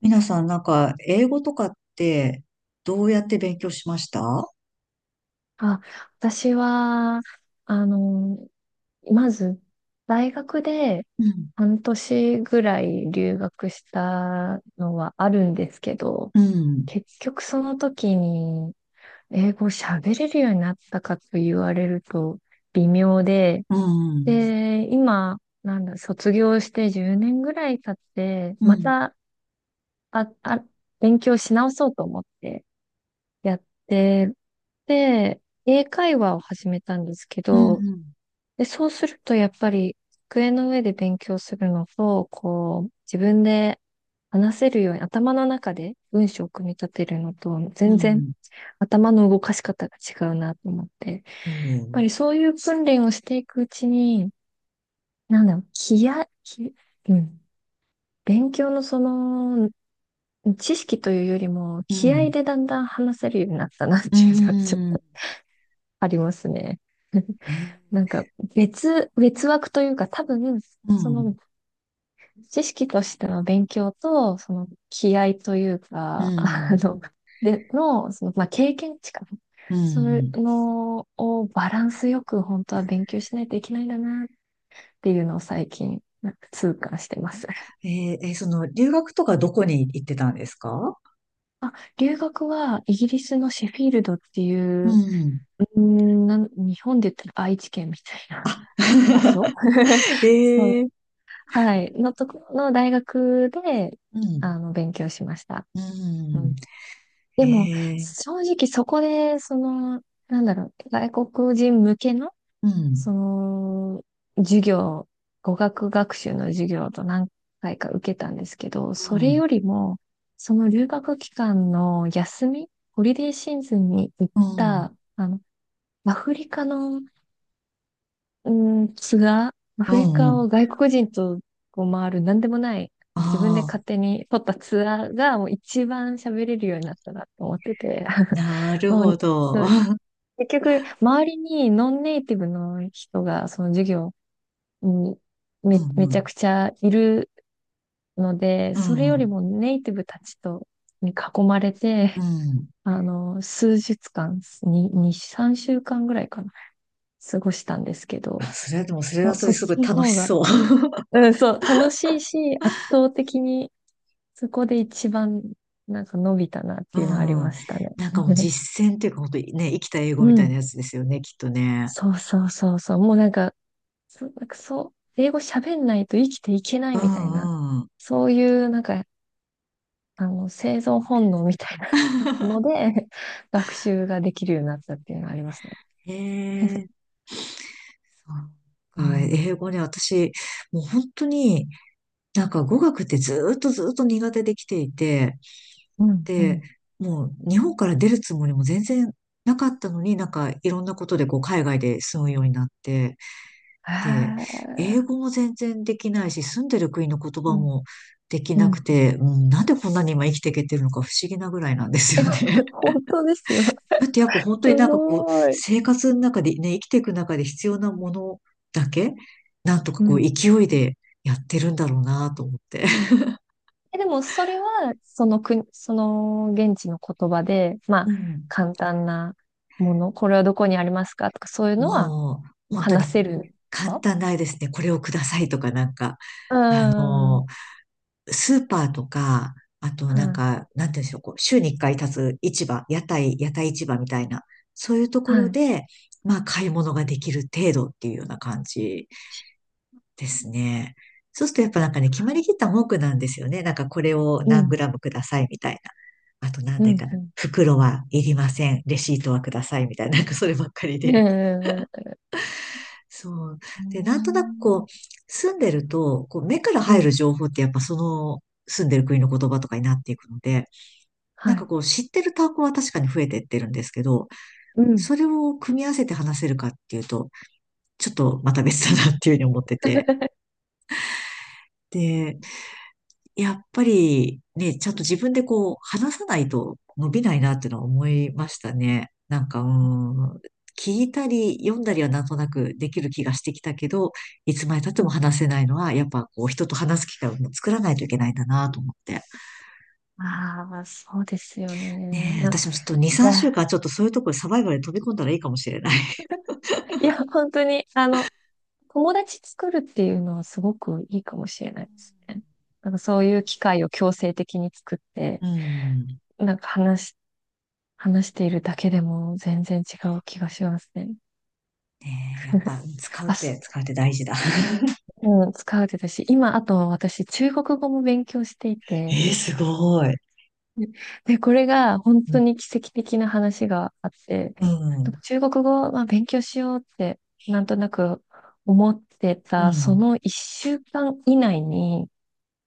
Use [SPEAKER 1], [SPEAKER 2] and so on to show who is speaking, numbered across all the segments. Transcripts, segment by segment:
[SPEAKER 1] 皆さん、なんか、英語とかって、どうやって勉強しました？
[SPEAKER 2] あ、私は、あの、まず、大学で
[SPEAKER 1] うん、
[SPEAKER 2] 半年ぐらい留学したのはあるんですけど、
[SPEAKER 1] うん、
[SPEAKER 2] 結局その時に英語喋れるようになったかと言われると微妙で、
[SPEAKER 1] うん、
[SPEAKER 2] で、今、なんだ、卒業して10年ぐらい経って、
[SPEAKER 1] うん、う
[SPEAKER 2] ま
[SPEAKER 1] ん、
[SPEAKER 2] た、あ、あ、勉強し直そうと思ってやって、で、英会話を始めたんですけ
[SPEAKER 1] う
[SPEAKER 2] ど、
[SPEAKER 1] ん、
[SPEAKER 2] で、そうするとやっぱり机の上で勉強するのと、こう、自分で話せるように頭の中で文章を組み立てるのと、
[SPEAKER 1] う
[SPEAKER 2] 全然
[SPEAKER 1] ん。
[SPEAKER 2] 頭の動かし方が違うなと思って、やっ
[SPEAKER 1] う
[SPEAKER 2] ぱ
[SPEAKER 1] ん、
[SPEAKER 2] りそういう訓練をしていくうちに、なんだろう、気合気、うん、勉強の知識というよりも、
[SPEAKER 1] う
[SPEAKER 2] 気合
[SPEAKER 1] ん、
[SPEAKER 2] でだんだん話せるようになったなってい
[SPEAKER 1] う
[SPEAKER 2] うのはちょっ
[SPEAKER 1] ん、
[SPEAKER 2] とありますね。な
[SPEAKER 1] え。
[SPEAKER 2] んか別枠というか多分、
[SPEAKER 1] う
[SPEAKER 2] そ
[SPEAKER 1] ん、
[SPEAKER 2] の知識としての勉強と、その気合という
[SPEAKER 1] う
[SPEAKER 2] か、
[SPEAKER 1] ん、
[SPEAKER 2] で、の、その、まあ、経験値かな。
[SPEAKER 1] う
[SPEAKER 2] そういう
[SPEAKER 1] ん。
[SPEAKER 2] のをバランスよく本当は勉強しないといけないんだなっていうのを最近、なんか痛感してます。
[SPEAKER 1] えその、留学とかどこに行ってたんですか？
[SPEAKER 2] あ、留学はイギリスのシェフィールドってい
[SPEAKER 1] う
[SPEAKER 2] う、
[SPEAKER 1] ん。
[SPEAKER 2] 日本で言ったら愛知県みたいな 場所 そ
[SPEAKER 1] え
[SPEAKER 2] う、
[SPEAKER 1] ー、
[SPEAKER 2] はい、のとこの大学で、
[SPEAKER 1] うん、
[SPEAKER 2] 勉強しました。
[SPEAKER 1] う
[SPEAKER 2] うん、
[SPEAKER 1] ん、
[SPEAKER 2] でも、
[SPEAKER 1] えー、
[SPEAKER 2] 正直そこで、なんだろう、外国人向けの、
[SPEAKER 1] う
[SPEAKER 2] そ
[SPEAKER 1] ん、
[SPEAKER 2] の、授業、語学学習の授業と何回か受けたんですけど、
[SPEAKER 1] う
[SPEAKER 2] それ
[SPEAKER 1] ん、
[SPEAKER 2] よりも、その留学期間の休み、ホリデーシーズンに行っ
[SPEAKER 1] うん、
[SPEAKER 2] た、アフリカのうーん、ツアー、ア
[SPEAKER 1] う
[SPEAKER 2] フリ
[SPEAKER 1] ん、う
[SPEAKER 2] カ
[SPEAKER 1] ん、
[SPEAKER 2] を外国人とこう回る、なんでもない、自分で
[SPEAKER 1] あ
[SPEAKER 2] 勝手に取ったツアーが、もう一番喋れるようになったなと思ってて、
[SPEAKER 1] あ、なる
[SPEAKER 2] も
[SPEAKER 1] ほ
[SPEAKER 2] う、そ
[SPEAKER 1] ど。
[SPEAKER 2] う、結局、周りにノンネイティブの人が、その授業に
[SPEAKER 1] うん
[SPEAKER 2] め
[SPEAKER 1] う
[SPEAKER 2] ち
[SPEAKER 1] ん。
[SPEAKER 2] ゃくちゃいるので、
[SPEAKER 1] う
[SPEAKER 2] それより
[SPEAKER 1] ん。
[SPEAKER 2] もネイティブたちと、に囲まれ
[SPEAKER 1] う
[SPEAKER 2] て、
[SPEAKER 1] ん。
[SPEAKER 2] あの、数日間、に、2、3週間ぐらいかな、過ごしたんですけ
[SPEAKER 1] あ、
[SPEAKER 2] ど、
[SPEAKER 1] それでも、それはそれ
[SPEAKER 2] そっ
[SPEAKER 1] すご
[SPEAKER 2] ち
[SPEAKER 1] い
[SPEAKER 2] の
[SPEAKER 1] 楽し
[SPEAKER 2] 方が、
[SPEAKER 1] そう。
[SPEAKER 2] うん、そう、楽しいし、圧倒的にそこで一番なんか伸びたなっ
[SPEAKER 1] う
[SPEAKER 2] ていうのはありま
[SPEAKER 1] ん。
[SPEAKER 2] したね。
[SPEAKER 1] なんかもう 実践っていうか、本当にね、生きた英語
[SPEAKER 2] う
[SPEAKER 1] みたいな
[SPEAKER 2] ん。
[SPEAKER 1] やつですよね、きっとね。
[SPEAKER 2] そうそうそうそう。もうなんか、なんかそう、英語喋んないと生きていけな
[SPEAKER 1] う
[SPEAKER 2] いみたいな、
[SPEAKER 1] んうん。
[SPEAKER 2] そういうなんか、生存本能みたいな の で、学習ができるようになったっていうのはありますね。
[SPEAKER 1] へえ、
[SPEAKER 2] う
[SPEAKER 1] そうか、英
[SPEAKER 2] ん、
[SPEAKER 1] 語ね、私、もう本当に、なんか語学ってずーっとずーっと苦手できていて、
[SPEAKER 2] うん、う
[SPEAKER 1] で、
[SPEAKER 2] ん。
[SPEAKER 1] もう日本から出るつもりも全然なかったのに、なんかいろんなことでこう海外で住むようになって、で、
[SPEAKER 2] ああ、
[SPEAKER 1] 英語も全然できないし、住んでる国の言
[SPEAKER 2] う
[SPEAKER 1] 葉
[SPEAKER 2] ん、
[SPEAKER 1] もでき
[SPEAKER 2] う
[SPEAKER 1] なく
[SPEAKER 2] ん。
[SPEAKER 1] て、うん、なんでこんなに今生きていけてるのか不思議なぐらいなんです
[SPEAKER 2] え、
[SPEAKER 1] よね。
[SPEAKER 2] 本当ですよ。
[SPEAKER 1] それってやっぱ 本当に
[SPEAKER 2] す
[SPEAKER 1] なんかこう、
[SPEAKER 2] ごい。
[SPEAKER 1] 生活の中でね、生きていく中で必要なものだけ、なんとか
[SPEAKER 2] う
[SPEAKER 1] こう、
[SPEAKER 2] ん、
[SPEAKER 1] 勢いでやってるんだろうなと思って。
[SPEAKER 2] え、でもそれは、その国、その現地の言葉で、まあ、
[SPEAKER 1] うん。
[SPEAKER 2] 簡単なもの、これはどこにありますかとか、そういうのは
[SPEAKER 1] もう、
[SPEAKER 2] もう
[SPEAKER 1] 本当に
[SPEAKER 2] 話せるんです
[SPEAKER 1] 簡
[SPEAKER 2] か？
[SPEAKER 1] 単ないですね。これをくださいとかなんか、
[SPEAKER 2] うー
[SPEAKER 1] あ
[SPEAKER 2] ん。
[SPEAKER 1] の、スーパーとか、あと
[SPEAKER 2] は
[SPEAKER 1] なん
[SPEAKER 2] い。
[SPEAKER 1] か、なんていうんでしょう、こう、週に一回立つ市場、屋台市場みたいな、そういうとこ
[SPEAKER 2] は
[SPEAKER 1] ろ
[SPEAKER 2] い。
[SPEAKER 1] で、まあ、買い物ができる程度っていうような感じですね。そうするとやっぱなんかね、決まりきった文句なんですよね。なんかこれを
[SPEAKER 2] う
[SPEAKER 1] 何グ
[SPEAKER 2] ん。
[SPEAKER 1] ラムくださいみたいな。あと何
[SPEAKER 2] う
[SPEAKER 1] でか
[SPEAKER 2] ん。
[SPEAKER 1] な。
[SPEAKER 2] うん。
[SPEAKER 1] 袋はいりません。レシートはくださいみたいな。なんかそればっかりで。
[SPEAKER 2] え
[SPEAKER 1] そう。で、なんとな
[SPEAKER 2] ー
[SPEAKER 1] くこう、住んでると、こう、目から
[SPEAKER 2] う
[SPEAKER 1] 入る
[SPEAKER 2] ん。
[SPEAKER 1] 情報ってやっぱその、住んでる国の言葉とかになっていくので、
[SPEAKER 2] は
[SPEAKER 1] なんか
[SPEAKER 2] い。
[SPEAKER 1] こう、知ってる単語は確かに増えてってるんですけど、
[SPEAKER 2] うん。
[SPEAKER 1] それを組み合わせて話せるかっていうと、ちょっとまた別だなっていうふうに思ってて。でやっぱりね、ちゃんと自分でこう、話さないと伸びないなっていうのは思いましたね。なんか、聞いたり読んだりはなんとなくできる気がしてきたけど、いつまで経っても話せないのは、やっぱこう、人と話す機会を作らないといけないんだなと思って。
[SPEAKER 2] ああ、そうですよね。
[SPEAKER 1] ねえ、
[SPEAKER 2] ない
[SPEAKER 1] 私もちょっと2、3週
[SPEAKER 2] や、
[SPEAKER 1] 間ちょっとそういうところにサバイバルに飛び込んだらいいかもしれない。
[SPEAKER 2] いや、本当に、友達作るっていうのはすごくいいかもしれないですね。なんかそういう機会を強制的に作っ て、
[SPEAKER 1] うん。
[SPEAKER 2] なんか話しているだけでも全然違う気がしますね。
[SPEAKER 1] ねえ、やっぱ 使うっ
[SPEAKER 2] あ、
[SPEAKER 1] て、使うって大事だ。
[SPEAKER 2] うん、使うてたし、今、あと私、中国語も勉強していて、
[SPEAKER 1] ええ、すごい。
[SPEAKER 2] で、これが本
[SPEAKER 1] う
[SPEAKER 2] 当
[SPEAKER 1] ん。
[SPEAKER 2] に奇跡的な話があって、
[SPEAKER 1] うん。
[SPEAKER 2] 中国語、まあ、勉強しようって、なんとなく思って
[SPEAKER 1] う
[SPEAKER 2] た、そ
[SPEAKER 1] ん。
[SPEAKER 2] の一週間以内に、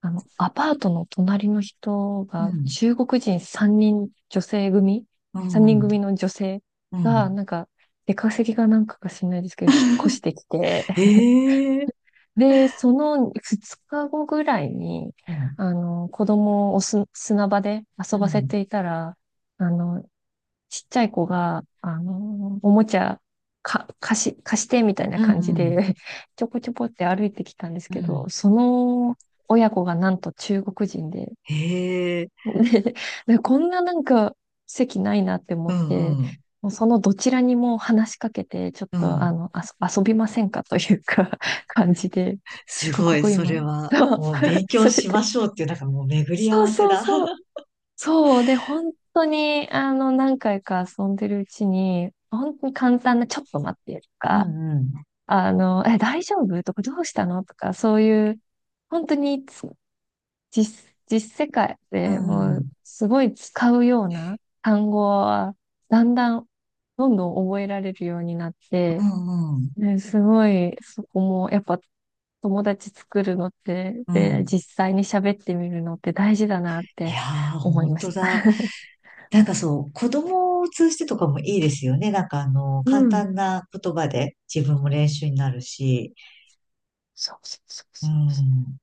[SPEAKER 2] アパートの隣の人
[SPEAKER 1] う
[SPEAKER 2] が、
[SPEAKER 1] ん。
[SPEAKER 2] 中国人3人女性組
[SPEAKER 1] う
[SPEAKER 2] ?3 人
[SPEAKER 1] ん。
[SPEAKER 2] 組の女性
[SPEAKER 1] う
[SPEAKER 2] が、
[SPEAKER 1] ん。
[SPEAKER 2] なんか、出稼ぎがなんかか知らないですけど、引っ越してきて、
[SPEAKER 1] へえ、
[SPEAKER 2] で、その2日後ぐらいに、
[SPEAKER 1] うん、
[SPEAKER 2] 子供を砂場で
[SPEAKER 1] う
[SPEAKER 2] 遊ばせ
[SPEAKER 1] ん、
[SPEAKER 2] ていたら、あの、ちっちゃい子が、おもちゃ、か、貸し、貸してみたいな
[SPEAKER 1] うん、
[SPEAKER 2] 感じ
[SPEAKER 1] うん、
[SPEAKER 2] で ちょこちょこって歩いてきたんです
[SPEAKER 1] う
[SPEAKER 2] け
[SPEAKER 1] ん。
[SPEAKER 2] ど、その親子がなんと中国人で、
[SPEAKER 1] へえ、
[SPEAKER 2] で、でこんななんか席ないなって
[SPEAKER 1] う
[SPEAKER 2] 思って、
[SPEAKER 1] んうん、
[SPEAKER 2] もうそのどちらにも話しかけて、ちょっ
[SPEAKER 1] う
[SPEAKER 2] とあ
[SPEAKER 1] ん。
[SPEAKER 2] の、あそ、遊びませんかというか 感じで、
[SPEAKER 1] す
[SPEAKER 2] 中
[SPEAKER 1] ご
[SPEAKER 2] 国
[SPEAKER 1] い、
[SPEAKER 2] 語
[SPEAKER 1] そ
[SPEAKER 2] 今、
[SPEAKER 1] れは、もう勉強
[SPEAKER 2] そそれ
[SPEAKER 1] しま
[SPEAKER 2] で、
[SPEAKER 1] しょうっていう、なんかもう巡り合
[SPEAKER 2] そう
[SPEAKER 1] わせ
[SPEAKER 2] そう
[SPEAKER 1] だ。
[SPEAKER 2] そう、そう。で、本当に、何回か遊んでるうちに、本当に簡単な、ちょっと待ってと
[SPEAKER 1] うん、
[SPEAKER 2] か、
[SPEAKER 1] うん、
[SPEAKER 2] え、大丈夫とか、どうしたのとか、そういう、本当に実世界
[SPEAKER 1] う
[SPEAKER 2] でもう、
[SPEAKER 1] ん、
[SPEAKER 2] すごい使うような単語は、だんだん、どんどん覚えられるようになっ
[SPEAKER 1] う
[SPEAKER 2] て、
[SPEAKER 1] んうん
[SPEAKER 2] ね、すごい、そこも、やっぱ、友達作るのって、
[SPEAKER 1] う
[SPEAKER 2] で、
[SPEAKER 1] ん。
[SPEAKER 2] 実際に喋ってみるのって大事だなっ
[SPEAKER 1] いや
[SPEAKER 2] て
[SPEAKER 1] ー、
[SPEAKER 2] 思い
[SPEAKER 1] 本
[SPEAKER 2] ま
[SPEAKER 1] 当
[SPEAKER 2] した。
[SPEAKER 1] だ。なんかそう、子供を通してとかもいいですよね。なんかあの、
[SPEAKER 2] う
[SPEAKER 1] 簡
[SPEAKER 2] ん、
[SPEAKER 1] 単な言葉で自分も練習になるし。
[SPEAKER 2] そうそうそう
[SPEAKER 1] う
[SPEAKER 2] そう。
[SPEAKER 1] ん。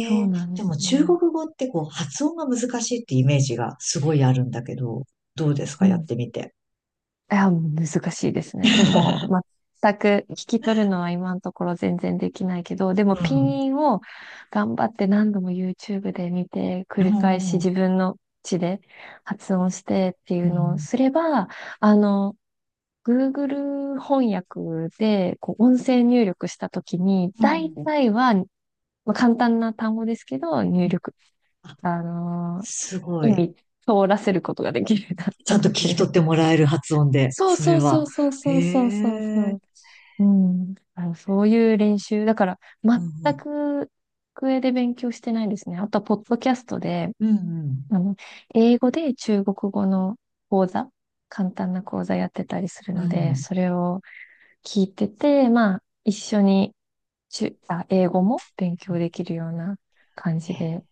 [SPEAKER 2] そう
[SPEAKER 1] え。
[SPEAKER 2] なんで
[SPEAKER 1] で
[SPEAKER 2] す
[SPEAKER 1] も中
[SPEAKER 2] よ。
[SPEAKER 1] 国語ってこう発音が難しいってイメージがすごいあるんだけど、どうです
[SPEAKER 2] う
[SPEAKER 1] かやっ
[SPEAKER 2] ん。
[SPEAKER 1] て
[SPEAKER 2] い
[SPEAKER 1] みて。
[SPEAKER 2] や、難しいですね。もう、全く聞き取るのは今のところ全然できないけど、で
[SPEAKER 1] う
[SPEAKER 2] もピン
[SPEAKER 1] ん。
[SPEAKER 2] インを頑張って何度も YouTube で見て、
[SPEAKER 1] う
[SPEAKER 2] 繰り返し
[SPEAKER 1] ん。
[SPEAKER 2] 自分の口で発音してってい
[SPEAKER 1] う
[SPEAKER 2] うのを
[SPEAKER 1] ん。
[SPEAKER 2] すれば、あの、Google 翻訳でこう音声入力したときに、
[SPEAKER 1] う
[SPEAKER 2] 大
[SPEAKER 1] ん。
[SPEAKER 2] 体は、まあ、簡単な単語ですけど、
[SPEAKER 1] う
[SPEAKER 2] 入
[SPEAKER 1] ん。
[SPEAKER 2] 力、
[SPEAKER 1] あ、
[SPEAKER 2] あの
[SPEAKER 1] すご
[SPEAKER 2] 意
[SPEAKER 1] い。
[SPEAKER 2] 味通らせることができるようになっ
[SPEAKER 1] ち
[SPEAKER 2] た
[SPEAKER 1] ゃんと聞
[SPEAKER 2] の
[SPEAKER 1] き取
[SPEAKER 2] で。
[SPEAKER 1] ってもらえる発音で、
[SPEAKER 2] そう
[SPEAKER 1] それ
[SPEAKER 2] そうそ
[SPEAKER 1] は。
[SPEAKER 2] うそう
[SPEAKER 1] へ
[SPEAKER 2] そうそうそう
[SPEAKER 1] え。
[SPEAKER 2] そう。うん。そういう練習。だから、
[SPEAKER 1] う
[SPEAKER 2] 全
[SPEAKER 1] ん。
[SPEAKER 2] く机で勉強してないですね。あとは、ポッドキャストで、
[SPEAKER 1] うん。
[SPEAKER 2] あの、英語で中国語の講座、簡単な講座やってたりする
[SPEAKER 1] うんう
[SPEAKER 2] の
[SPEAKER 1] ん。う
[SPEAKER 2] で、
[SPEAKER 1] ん。
[SPEAKER 2] それを聞いてて、まあ、一緒に英語も勉強できるような感じ
[SPEAKER 1] へえ。
[SPEAKER 2] で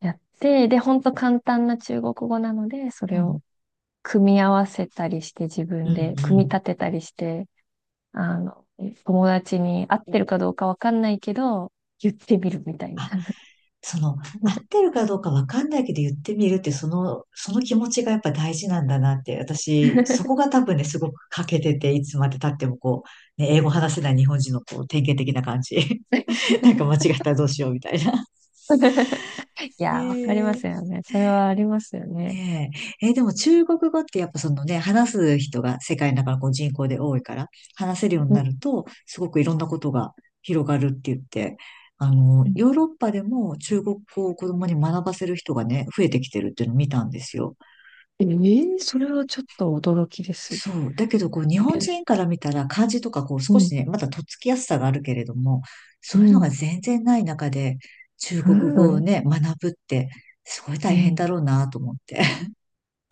[SPEAKER 2] やって、で、ほんと簡単な中国語なので、そ
[SPEAKER 1] う
[SPEAKER 2] れを
[SPEAKER 1] ん。
[SPEAKER 2] 組み合わせたりして自
[SPEAKER 1] う
[SPEAKER 2] 分
[SPEAKER 1] ん。う
[SPEAKER 2] で組み
[SPEAKER 1] ん。
[SPEAKER 2] 立てたりして、あの、友達に合ってるかどうかわかんないけど、言ってみるみたいな。
[SPEAKER 1] その、合ってるかどうかわかんないけど言ってみるって、その、その気持ちがやっぱ大事なんだなって、私、そこが多分ね、すごく欠けてて、いつまで経ってもこう、ね、英語話せない日本人のこう、典型的な感じ。なんか間違 ったらどうしようみたいな。
[SPEAKER 2] いやー、わかります
[SPEAKER 1] え。
[SPEAKER 2] よね。それはありますよね。
[SPEAKER 1] ねえ。でも中国語ってやっぱそのね、話す人が世界の中のこう人口で多いから、話せるように
[SPEAKER 2] う
[SPEAKER 1] な
[SPEAKER 2] ん。
[SPEAKER 1] ると、すごくいろんなことが広がるって言って、あの、
[SPEAKER 2] うん、
[SPEAKER 1] ヨーロッパでも中国語を子供に学ばせる人がね、増えてきてるっていうのを見たんですよ。
[SPEAKER 2] ええ、それはちょっと驚きです。
[SPEAKER 1] そう。だけど、こう、日本人から見たら漢字とか、こう、
[SPEAKER 2] う
[SPEAKER 1] 少し
[SPEAKER 2] ん。
[SPEAKER 1] ね、まだとっつきやすさがあるけれども、
[SPEAKER 2] う
[SPEAKER 1] そういうのが
[SPEAKER 2] ん。
[SPEAKER 1] 全然ない中で、中
[SPEAKER 2] う
[SPEAKER 1] 国語を
[SPEAKER 2] ん。
[SPEAKER 1] ね、学ぶって、すごい
[SPEAKER 2] う
[SPEAKER 1] 大変だ
[SPEAKER 2] ん
[SPEAKER 1] ろうなと思って。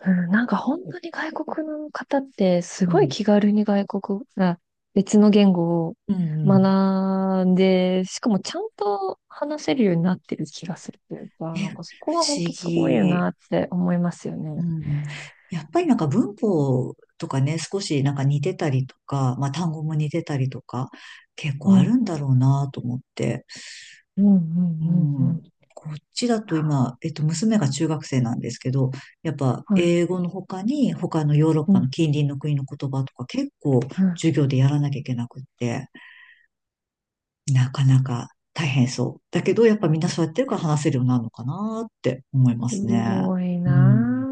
[SPEAKER 2] うん、なんか本当に外国、の方って
[SPEAKER 1] う
[SPEAKER 2] すごい
[SPEAKER 1] ん。
[SPEAKER 2] 気軽に外国、あ、別の言語を
[SPEAKER 1] うんうん。
[SPEAKER 2] 学んで、しかもちゃんと話せるようになってる気がするというか、なん
[SPEAKER 1] ね、
[SPEAKER 2] かそこ
[SPEAKER 1] 不
[SPEAKER 2] は本
[SPEAKER 1] 思
[SPEAKER 2] 当すごいよ
[SPEAKER 1] 議。
[SPEAKER 2] なって思いますよ
[SPEAKER 1] う
[SPEAKER 2] ね。
[SPEAKER 1] ん。やっぱりなんか文法とかね、少しなんか似てたりとか、まあ単語も似てたりとか、結
[SPEAKER 2] う
[SPEAKER 1] 構ある
[SPEAKER 2] ん。
[SPEAKER 1] んだろうなと思って。
[SPEAKER 2] うん、う
[SPEAKER 1] う
[SPEAKER 2] ん、うん、う
[SPEAKER 1] ん。
[SPEAKER 2] ん。
[SPEAKER 1] こっちだと今、娘が中学生なんですけど、やっぱ
[SPEAKER 2] はい。
[SPEAKER 1] 英語の他に、他のヨーロッ
[SPEAKER 2] う
[SPEAKER 1] パ
[SPEAKER 2] ん、
[SPEAKER 1] の近隣の国の言葉とか結構
[SPEAKER 2] うん。
[SPEAKER 1] 授業でやらなきゃいけなくって、なかなか大変そう。だけど、やっぱみんなそうやってるから話せるようになるのかなって思い
[SPEAKER 2] す
[SPEAKER 1] ますね。
[SPEAKER 2] ごい
[SPEAKER 1] う
[SPEAKER 2] な
[SPEAKER 1] ん。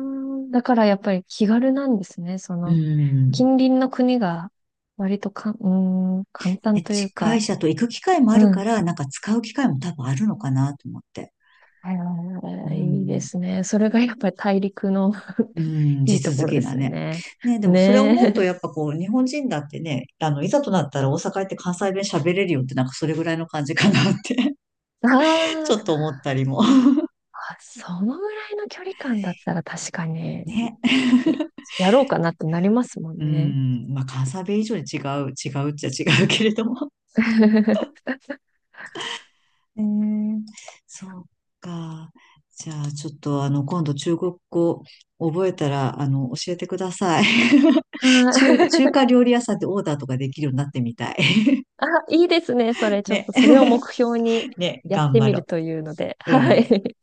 [SPEAKER 2] あ、だからやっぱり気軽なんですね。そ
[SPEAKER 1] う
[SPEAKER 2] の、
[SPEAKER 1] ん。
[SPEAKER 2] 近隣の国が割とかん、うーん、簡単
[SPEAKER 1] ね。
[SPEAKER 2] という
[SPEAKER 1] 近い
[SPEAKER 2] か、
[SPEAKER 1] し、あと行く機会もある
[SPEAKER 2] う
[SPEAKER 1] か
[SPEAKER 2] ん。
[SPEAKER 1] ら、なんか使う機会も多分あるのかなと思って。
[SPEAKER 2] あ
[SPEAKER 1] う
[SPEAKER 2] ー、いいで
[SPEAKER 1] ん。
[SPEAKER 2] すね。それがやっぱり大陸の
[SPEAKER 1] う ん、
[SPEAKER 2] い
[SPEAKER 1] 地
[SPEAKER 2] いとこ
[SPEAKER 1] 続
[SPEAKER 2] ろ
[SPEAKER 1] き
[SPEAKER 2] で
[SPEAKER 1] な
[SPEAKER 2] すよ
[SPEAKER 1] ね。
[SPEAKER 2] ね。
[SPEAKER 1] ね、でもそれを
[SPEAKER 2] ね
[SPEAKER 1] 思うと、
[SPEAKER 2] え。
[SPEAKER 1] やっぱこう、日本人だってね、あの、いざとなったら大阪行って関西弁喋れるよって、なんかそれぐらいの感じかなって ち
[SPEAKER 2] あー
[SPEAKER 1] ょっと思ったりも。
[SPEAKER 2] あ、そのぐらいの距離感だったら確かに、
[SPEAKER 1] ね。
[SPEAKER 2] やろうかなってなりますもん
[SPEAKER 1] う
[SPEAKER 2] ね。
[SPEAKER 1] ん、まあ関西弁以上に違う、違うっちゃ違うけれども。えー、そうか。じゃあ、ちょっと、あの、今度、中国語覚えたら、あの、教えてください。
[SPEAKER 2] はい、
[SPEAKER 1] 中華料理屋さんでオーダーとかできるようになってみたい。
[SPEAKER 2] あ、いいですね。それ、ちょっ
[SPEAKER 1] ね。
[SPEAKER 2] とそれを 目標に
[SPEAKER 1] ね、
[SPEAKER 2] やっ
[SPEAKER 1] 頑
[SPEAKER 2] て
[SPEAKER 1] 張
[SPEAKER 2] みる
[SPEAKER 1] ろ
[SPEAKER 2] というので。
[SPEAKER 1] う。う
[SPEAKER 2] は
[SPEAKER 1] ん。
[SPEAKER 2] い。